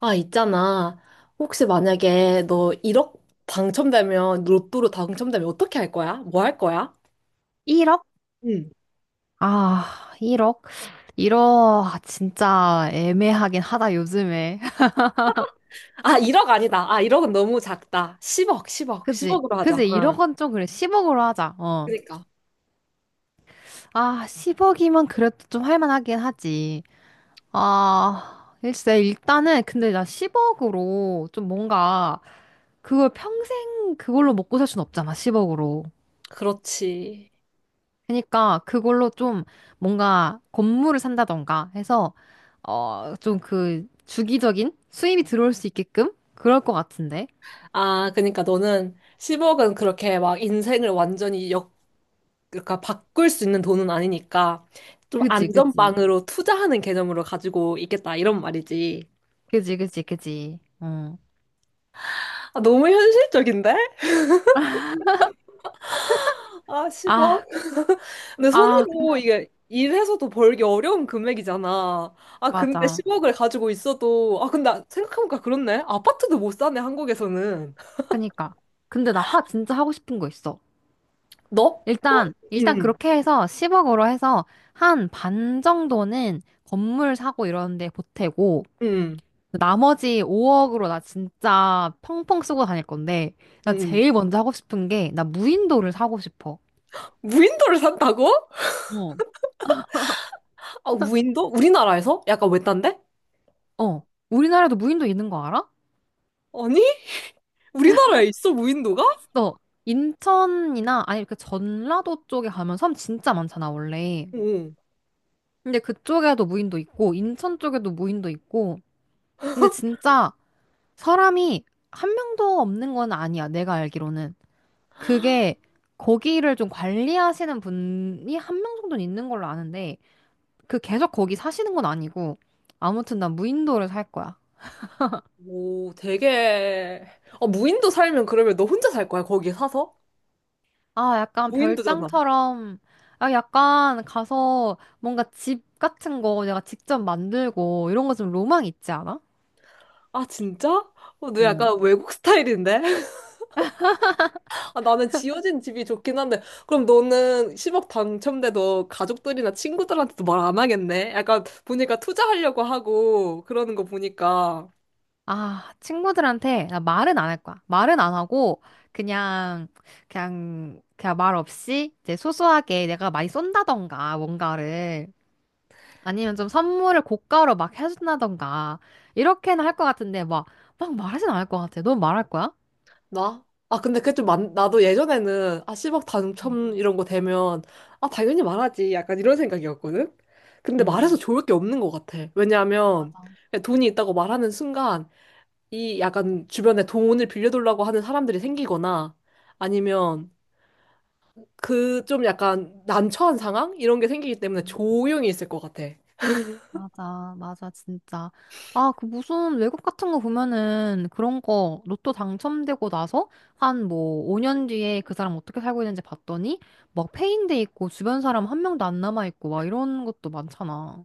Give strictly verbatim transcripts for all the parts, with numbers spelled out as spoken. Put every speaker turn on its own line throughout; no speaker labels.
아, 있잖아. 혹시 만약에 너 일억 당첨되면, 로또로 당첨되면 어떻게 할 거야? 뭐 할 거야?
일 억?
응.
아, 일 억? 일 억, 진짜 애매하긴 하다, 요즘에.
아, 일억 아니다. 아, 일억은 너무 작다. 십억, 십억,
그지?
십억으로 하자.
그지?
응.
일 억은 좀 그래. 십 억으로 하자, 어.
그니까.
아, 십 억이면 그래도 좀 할만하긴 하지. 아, 글쎄, 일단은, 근데 나 십 억으로 좀 뭔가, 그걸 평생 그걸로 먹고 살 순 없잖아, 십 억으로.
그렇지.
그러니까, 그걸로 좀 뭔가 건물을 산다던가 해서, 어, 좀 그, 주기적인 수입이 들어올 수 있게끔? 그럴 것 같은데.
아, 그니까 러 너는 십억은 그렇게 막 인생을 완전히 역, 그러니까 바꿀 수 있는 돈은 아니니까 좀
그지, 그지.
안전빵으로 투자하는 개념으로 가지고 있겠다. 이런 말이지.
그지, 그지, 그지. 어.
아, 너무 현실적인데? 아,
아,
십억? 근데
아,
손으로
근데,
이게 일해서도 벌기 어려운 금액이잖아. 아, 근데
맞아.
십억을 가지고 있어도, 아, 근데 생각해보니까 그렇네. 아파트도 못 사네, 한국에서는.
그니까. 근데 나 하, 진짜 하고 싶은 거 있어.
너? 너,
일단, 일단
응,
그렇게 해서 십 억으로 해서 한 반 정도는 건물 사고 이런 데 보태고,
응,
나머지 오 억으로 나 진짜 펑펑 쓰고 다닐 건데,
응.
나
응.
제일 먼저 하고 싶은 게, 나 무인도를 사고 싶어.
무인도를 산다고?
어.
아, 무인도? 우리나라에서? 약간 외딴데?
어. 우리나라에도 무인도 있는 거 알아?
아니? 우리나라에 있어, 무인도가?
있어. 인천이나 아니 그 전라도 쪽에 가면 섬 진짜 많잖아, 원래.
응.
근데 그쪽에도 무인도 있고 인천 쪽에도 무인도 있고. 근데 진짜 사람이 한 명도 없는 건 아니야, 내가 알기로는. 그게 거기를 좀 관리하시는 분이 한 명 정도는 있는 걸로 아는데 그 계속 거기 사시는 건 아니고 아무튼 난 무인도를 살 거야.
오, 되게. 아, 무인도 살면 그러면 너 혼자 살 거야, 거기 사서?
아, 약간
무인도잖아.
별장처럼, 아, 약간 가서 뭔가 집 같은 거 내가 직접 만들고 이런 거 좀 로망 있지 않아?
아, 진짜? 어, 너
어.
약간 외국 스타일인데? 아, 나는 지어진 집이 좋긴 한데, 그럼 너는 십억 당첨돼도 가족들이나 친구들한테도 말 안 하겠네? 약간 보니까 투자하려고 하고 그러는 거 보니까.
아, 친구들한테 나 말은 안 할 거야. 말은 안 하고 그냥 그냥 그냥 말 없이 이제 소소하게 내가 많이 쏜다던가 뭔가를 아니면 좀 선물을 고가로 막 해준다던가 이렇게는 할 것 같은데 막 막 말하진 않을 것 같아. 넌 말할 거야?
나? 아, 근데 그게 좀 많, 나도 예전에는, 아, 십억
응,
당첨 이런 거 되면, 아, 당연히 말하지. 약간 이런 생각이었거든? 근데
응.
말해서 좋을 게 없는 것 같아. 왜냐하면,
맞아.
그냥 돈이 있다고 말하는 순간, 이 약간 주변에 돈을 빌려달라고 하는 사람들이 생기거나, 아니면, 그 좀 약간 난처한 상황? 이런 게 생기기 때문에 조용히 있을 것 같아.
맞아, 맞아, 진짜. 아, 그 무슨 외국 같은 거 보면은 그런 거 로또 당첨되고 나서 한 뭐 오 년 뒤에 그 사람 어떻게 살고 있는지 봤더니 막 폐인돼 있고 주변 사람 한 명도 안 남아 있고 막 이런 것도 많잖아.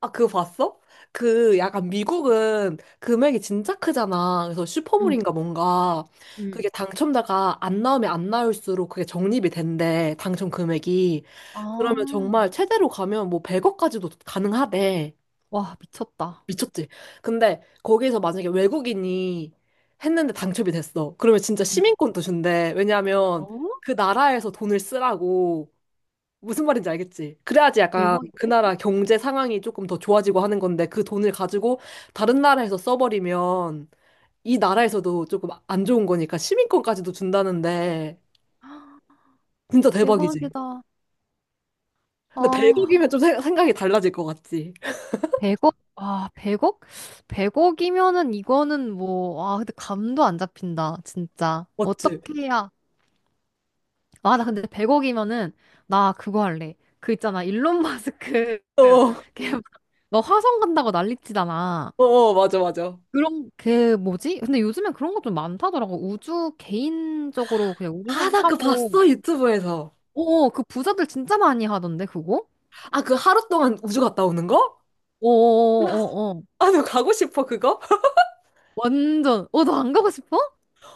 아, 그거 봤어? 그 약간 미국은 금액이 진짜 크잖아. 그래서
응,
슈퍼볼인가 뭔가
응.
그게 당첨자가 안 나오면 안 나올수록 그게 적립이 된대. 당첨 금액이. 그러면
아,
정말 최대로 가면 뭐 백억까지도 가능하대.
와, 미쳤다.
미쳤지? 근데 거기에서 만약에 외국인이 했는데 당첨이 됐어. 그러면 진짜
응.
시민권도 준대.
어?
왜냐하면 그 나라에서 돈을 쓰라고. 무슨 말인지 알겠지? 그래야지 약간 그
대박인데?
나라 경제 상황이 조금 더 좋아지고 하는 건데 그 돈을 가지고 다른 나라에서 써버리면 이 나라에서도 조금 안 좋은 거니까 시민권까지도 준다는데 진짜 대박이지.
대박이다.
근데
아,
백억이면 좀 생- 생각이 달라질 것 같지.
백억 아, 백 억? 백 억이면은 이거는 뭐, 아, 근데 감도 안 잡힌다, 진짜.
맞지?
어떻게 해야, 아, 나 근데 백 억이면은 나 그거 할래. 그 있잖아. 일론 마스크
어, 어,
걔너 화성 간다고 난리치잖아.
어, 맞아, 맞아.
그런 그 뭐지? 근데 요즘엔 그런 거 좀 많다더라고. 우주 개인적으로 그냥
아,
우주선
나 그거
타고
봤어, 유튜브에서.
오, 그 부자들 진짜 많이 하던데 그거?
아, 그 하루 동안 우주 갔다 오는 거?
어어어어.
아, 나 가고 싶어, 그거?
완전. 어, 너 안 가고 싶어?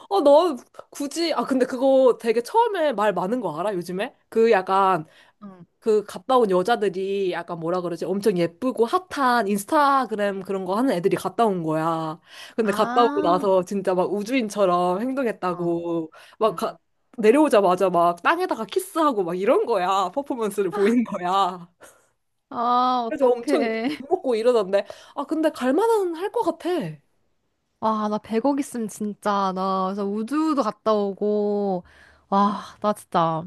어, 너 굳이, 아, 근데 그거 되게 처음에 말 많은 거 알아, 요즘에? 그 약간
응.
그 갔다 온 여자들이 약간 뭐라 그러지? 엄청 예쁘고 핫한 인스타그램 그런 거 하는 애들이 갔다 온 거야. 근데 갔다 오고
아,
나서 진짜 막 우주인처럼
어,
행동했다고 막
응.
가- 내려오자마자 막 땅에다가 키스하고 막 이런 거야. 퍼포먼스를 보이는 거야.
아,
그래서 엄청 욕
어떡해.
먹고 이러던데. 아, 근데 갈 만은 할 것 같아.
와, 나 백 억 있으면 진짜, 나 그래서 우주도 갔다 오고, 와, 나 진짜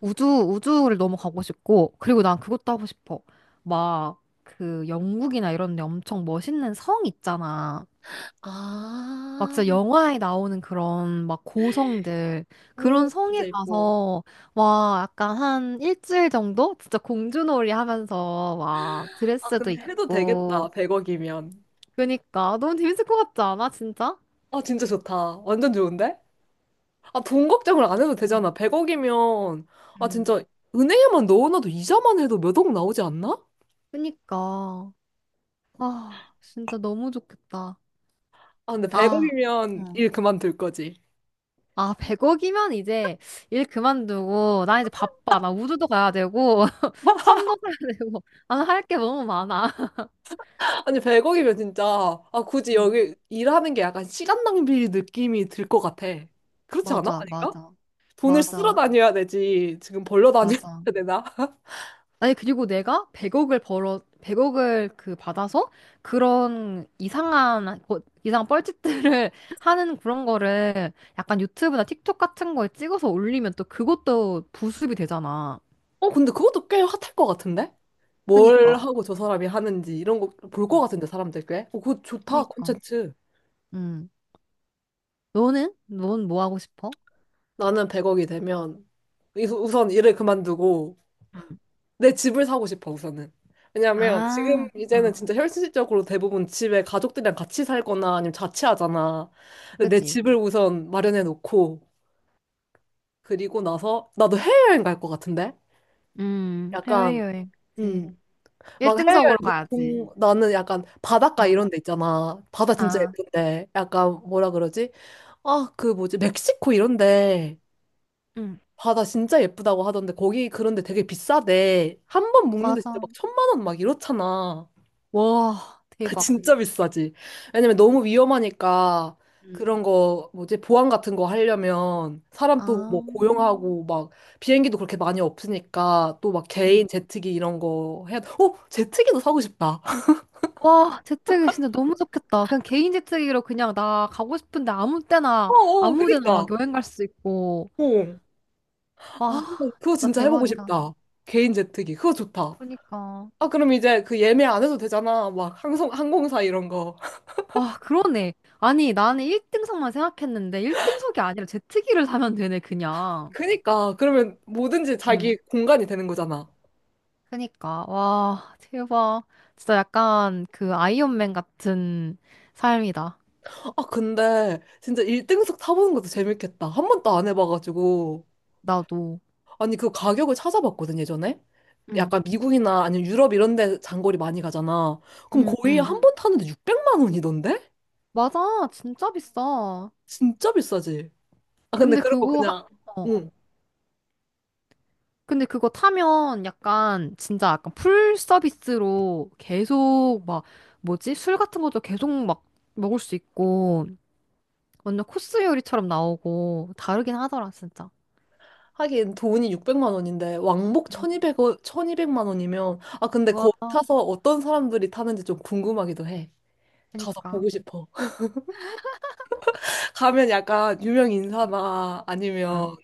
우주, 우주를 너무 가고 싶고, 그리고 난 그것도 하고 싶어. 막, 그 영국이나 이런 데 엄청 멋있는 성 있잖아. 막
아,
진짜 영화에 나오는 그런 막 고성들,
오,
그런 성에
진짜 예뻐.
가서, 와, 약간 한 일주일 정도? 진짜 공주놀이 하면서, 와,
아,
드레스도
근데 해도 되겠다.
입고,
백억이면.
그니까, 너무 재밌을 것 같지 않아, 진짜?
아, 진짜 좋다. 완전 좋은데? 아, 돈 걱정을 안 해도
음,
되잖아. 백억이면, 아,
음.
진짜, 은행에만 넣어놔도 이자만 해도 몇 억 나오지 않나?
그니까. 아, 진짜 너무 좋겠다.
아, 근데
아,
백억이면
어.
일 그만둘 거지.
아, 백 억이면 이제 일 그만두고, 나 이제 바빠. 나 우주도 가야 되고, 섬도 가야 되고, 나는 할 게 너무 많아.
아니, 백억이면 진짜, 아, 굳이
음.
여기 일하는 게 약간 시간 낭비 느낌이 들 것 같아. 그렇지 않아?
맞아,
아닌가?
맞아,
돈을 쓸어
맞아,
다녀야 되지. 지금 벌러 다녀야
맞아.
되나?
아니, 그리고 내가 백 억을 벌어, 백억을 그 받아서 그런 이상한, 거- 이상한 뻘짓들을 하는 그런 거를 약간 유튜브나 틱톡 같은 거에 찍어서 올리면 또 그것도 부수입이 되잖아.
어, 근데 그것도 꽤 핫할 것 같은데? 뭘
그니까,
하고 저 사람이 하는지 이런 거 볼 것
응.
같은데, 사람들 꽤? 어, 그거 좋다,
그니까.
콘텐츠.
음. 너는? 넌 뭐 하고 싶어?
나는 백억이 되면 이- 우선 일을 그만두고
응.
내 집을 사고 싶어 우선은. 왜냐면 지금
아,
이제는
어.
진짜 현실적으로 대부분 집에 가족들이랑 같이 살거나 아니면 자취하잖아. 근데 내
그치?
집을 우선 마련해 놓고 그리고 나서 나도 해외여행 갈 것 같은데?
음,
약간
해외여행. 그치.
음.
일
막
등석으
해외여행
로 가야지.
보통 나는 약간 바닷가
어,
이런 데 있잖아. 바다 진짜
아,
예쁜데. 약간 뭐라 그러지? 아, 그 뭐지? 멕시코 이런데.
응,
바다 진짜 예쁘다고 하던데 거기 그런데 되게 비싸대. 한 번 묵는데 진짜
맞아.
막 천만 원 막 이렇잖아.
와, 대박.
진짜 비싸지. 왜냐면 너무 위험하니까
응,
그런 거 뭐지 보안 같은 거 하려면 사람 또 뭐
아.
고용하고 막 비행기도 그렇게 많이 없으니까 또 막
응.
개인 제트기 이런 거 해야 돼. 어, 제트기도 사고 싶다.
와, 재트기 진짜 너무 좋겠다. 그냥 개인 재트기로 그냥 나 가고 싶은데 아무
어,
때나,
어,
아무 데나 막
그니까.
여행 갈 수 있고.
어. 아,
와,
그거
진짜
진짜 해보고
대박이다.
싶다. 개인 제트기. 그거 좋다.
그니까.
아, 그럼 이제 그 예매 안 해도 되잖아. 막 항공, 항공사 이런 거.
와, 그러네. 아니, 나는 일 등석만 생각했는데 일 등석이 아니라 제트기를 사면 되네, 그냥.
그니까 그러면 뭐든지 자기
응.
공간이 되는 거잖아.
그니까, 와, 대박. 진짜 약간 그 아이언맨 같은 삶이다.
아 근데 진짜 일등석 타보는 것도 재밌겠다. 한 번도 안 해봐가지고
나도.
아니 그 가격을 찾아봤거든 예전에.
응,
약간 미국이나 아니면 유럽 이런 데 장거리 많이 가잖아. 그럼
응,
거의
응.
한 음. 번 타는데 육백만 원이던데?
맞아, 진짜 비싸.
진짜 비싸지. 아 근데
근데
그런 거
그거 하,
그냥
어,
응.
근데 그거 타면 약간 진짜 약간 풀 서비스로 계속 막 뭐지? 술 같은 것도 계속 막 먹을 수 있고 완전 코스 요리처럼 나오고 다르긴 하더라, 진짜.
하긴 돈이 육백만 원인데 왕복
음.
천이백 천이백만 원이면 아 근데
와,
거기 타서 어떤 사람들이 타는지 좀 궁금하기도 해. 가서
그니까.
보고 싶어. 가면 약간 유명 인사나
응,
아니면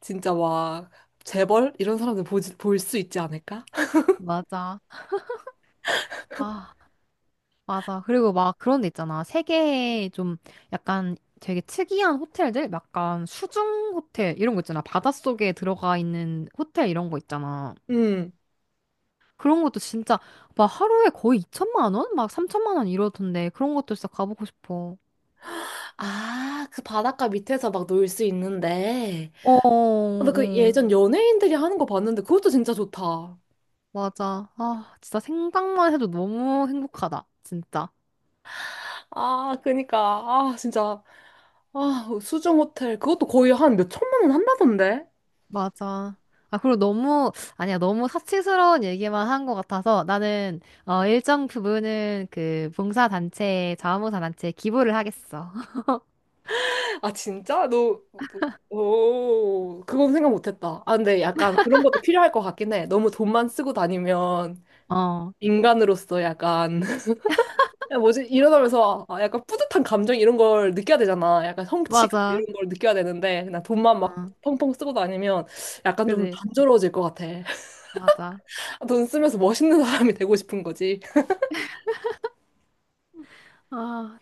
진짜 막 재벌 이런 사람들 보볼수 있지 않을까?
맞아. 아, 맞아. 그리고 막 그런 데 있잖아. 세계에 좀 약간 되게 특이한 호텔들? 약간 수중 호텔 이런 거 있잖아. 바닷속에 들어가 있는 호텔 이런 거 있잖아.
음.
그런 것도 진짜 막 하루에 거의 이천만 원? 막 삼천만 원 이러던데 그런 것도 진짜 가보고 싶어.
아, 그 바닷가 밑에서 막 놀 수 있는데.
어, 어,
근데 그
어.
예전 연예인들이 하는 거 봤는데 그것도 진짜 좋다.
맞아. 아, 진짜 생각만 해도 너무 행복하다. 진짜.
아, 그니까. 아, 진짜. 아, 수중 호텔. 그것도 거의 한 몇 천만 원 한다던데?
맞아. 아, 그리고 너무, 아니야, 너무 사치스러운 얘기만 한 것 같아서 나는, 어, 일정 부분은 그 봉사단체, 자원봉사단체에 기부를 하겠어.
아, 진짜? 너, 너- 오, 그건 생각 못 했다. 아, 근데 약간 그런 것도 필요할 것 같긴 해. 너무 돈만 쓰고 다니면
어,
인간으로서 약간 야, 뭐지? 이러다면서 아, 약간 뿌듯한 감정 이런 걸 느껴야 되잖아. 약간 성취감
맞아.
이런 걸 느껴야 되는데 그냥 돈만 막
어,
펑펑 쓰고 다니면 약간 좀
그지?
단조로워질 것 같아.
맞아.
돈 쓰면서 멋있는 사람이 되고 싶은 거지.
아,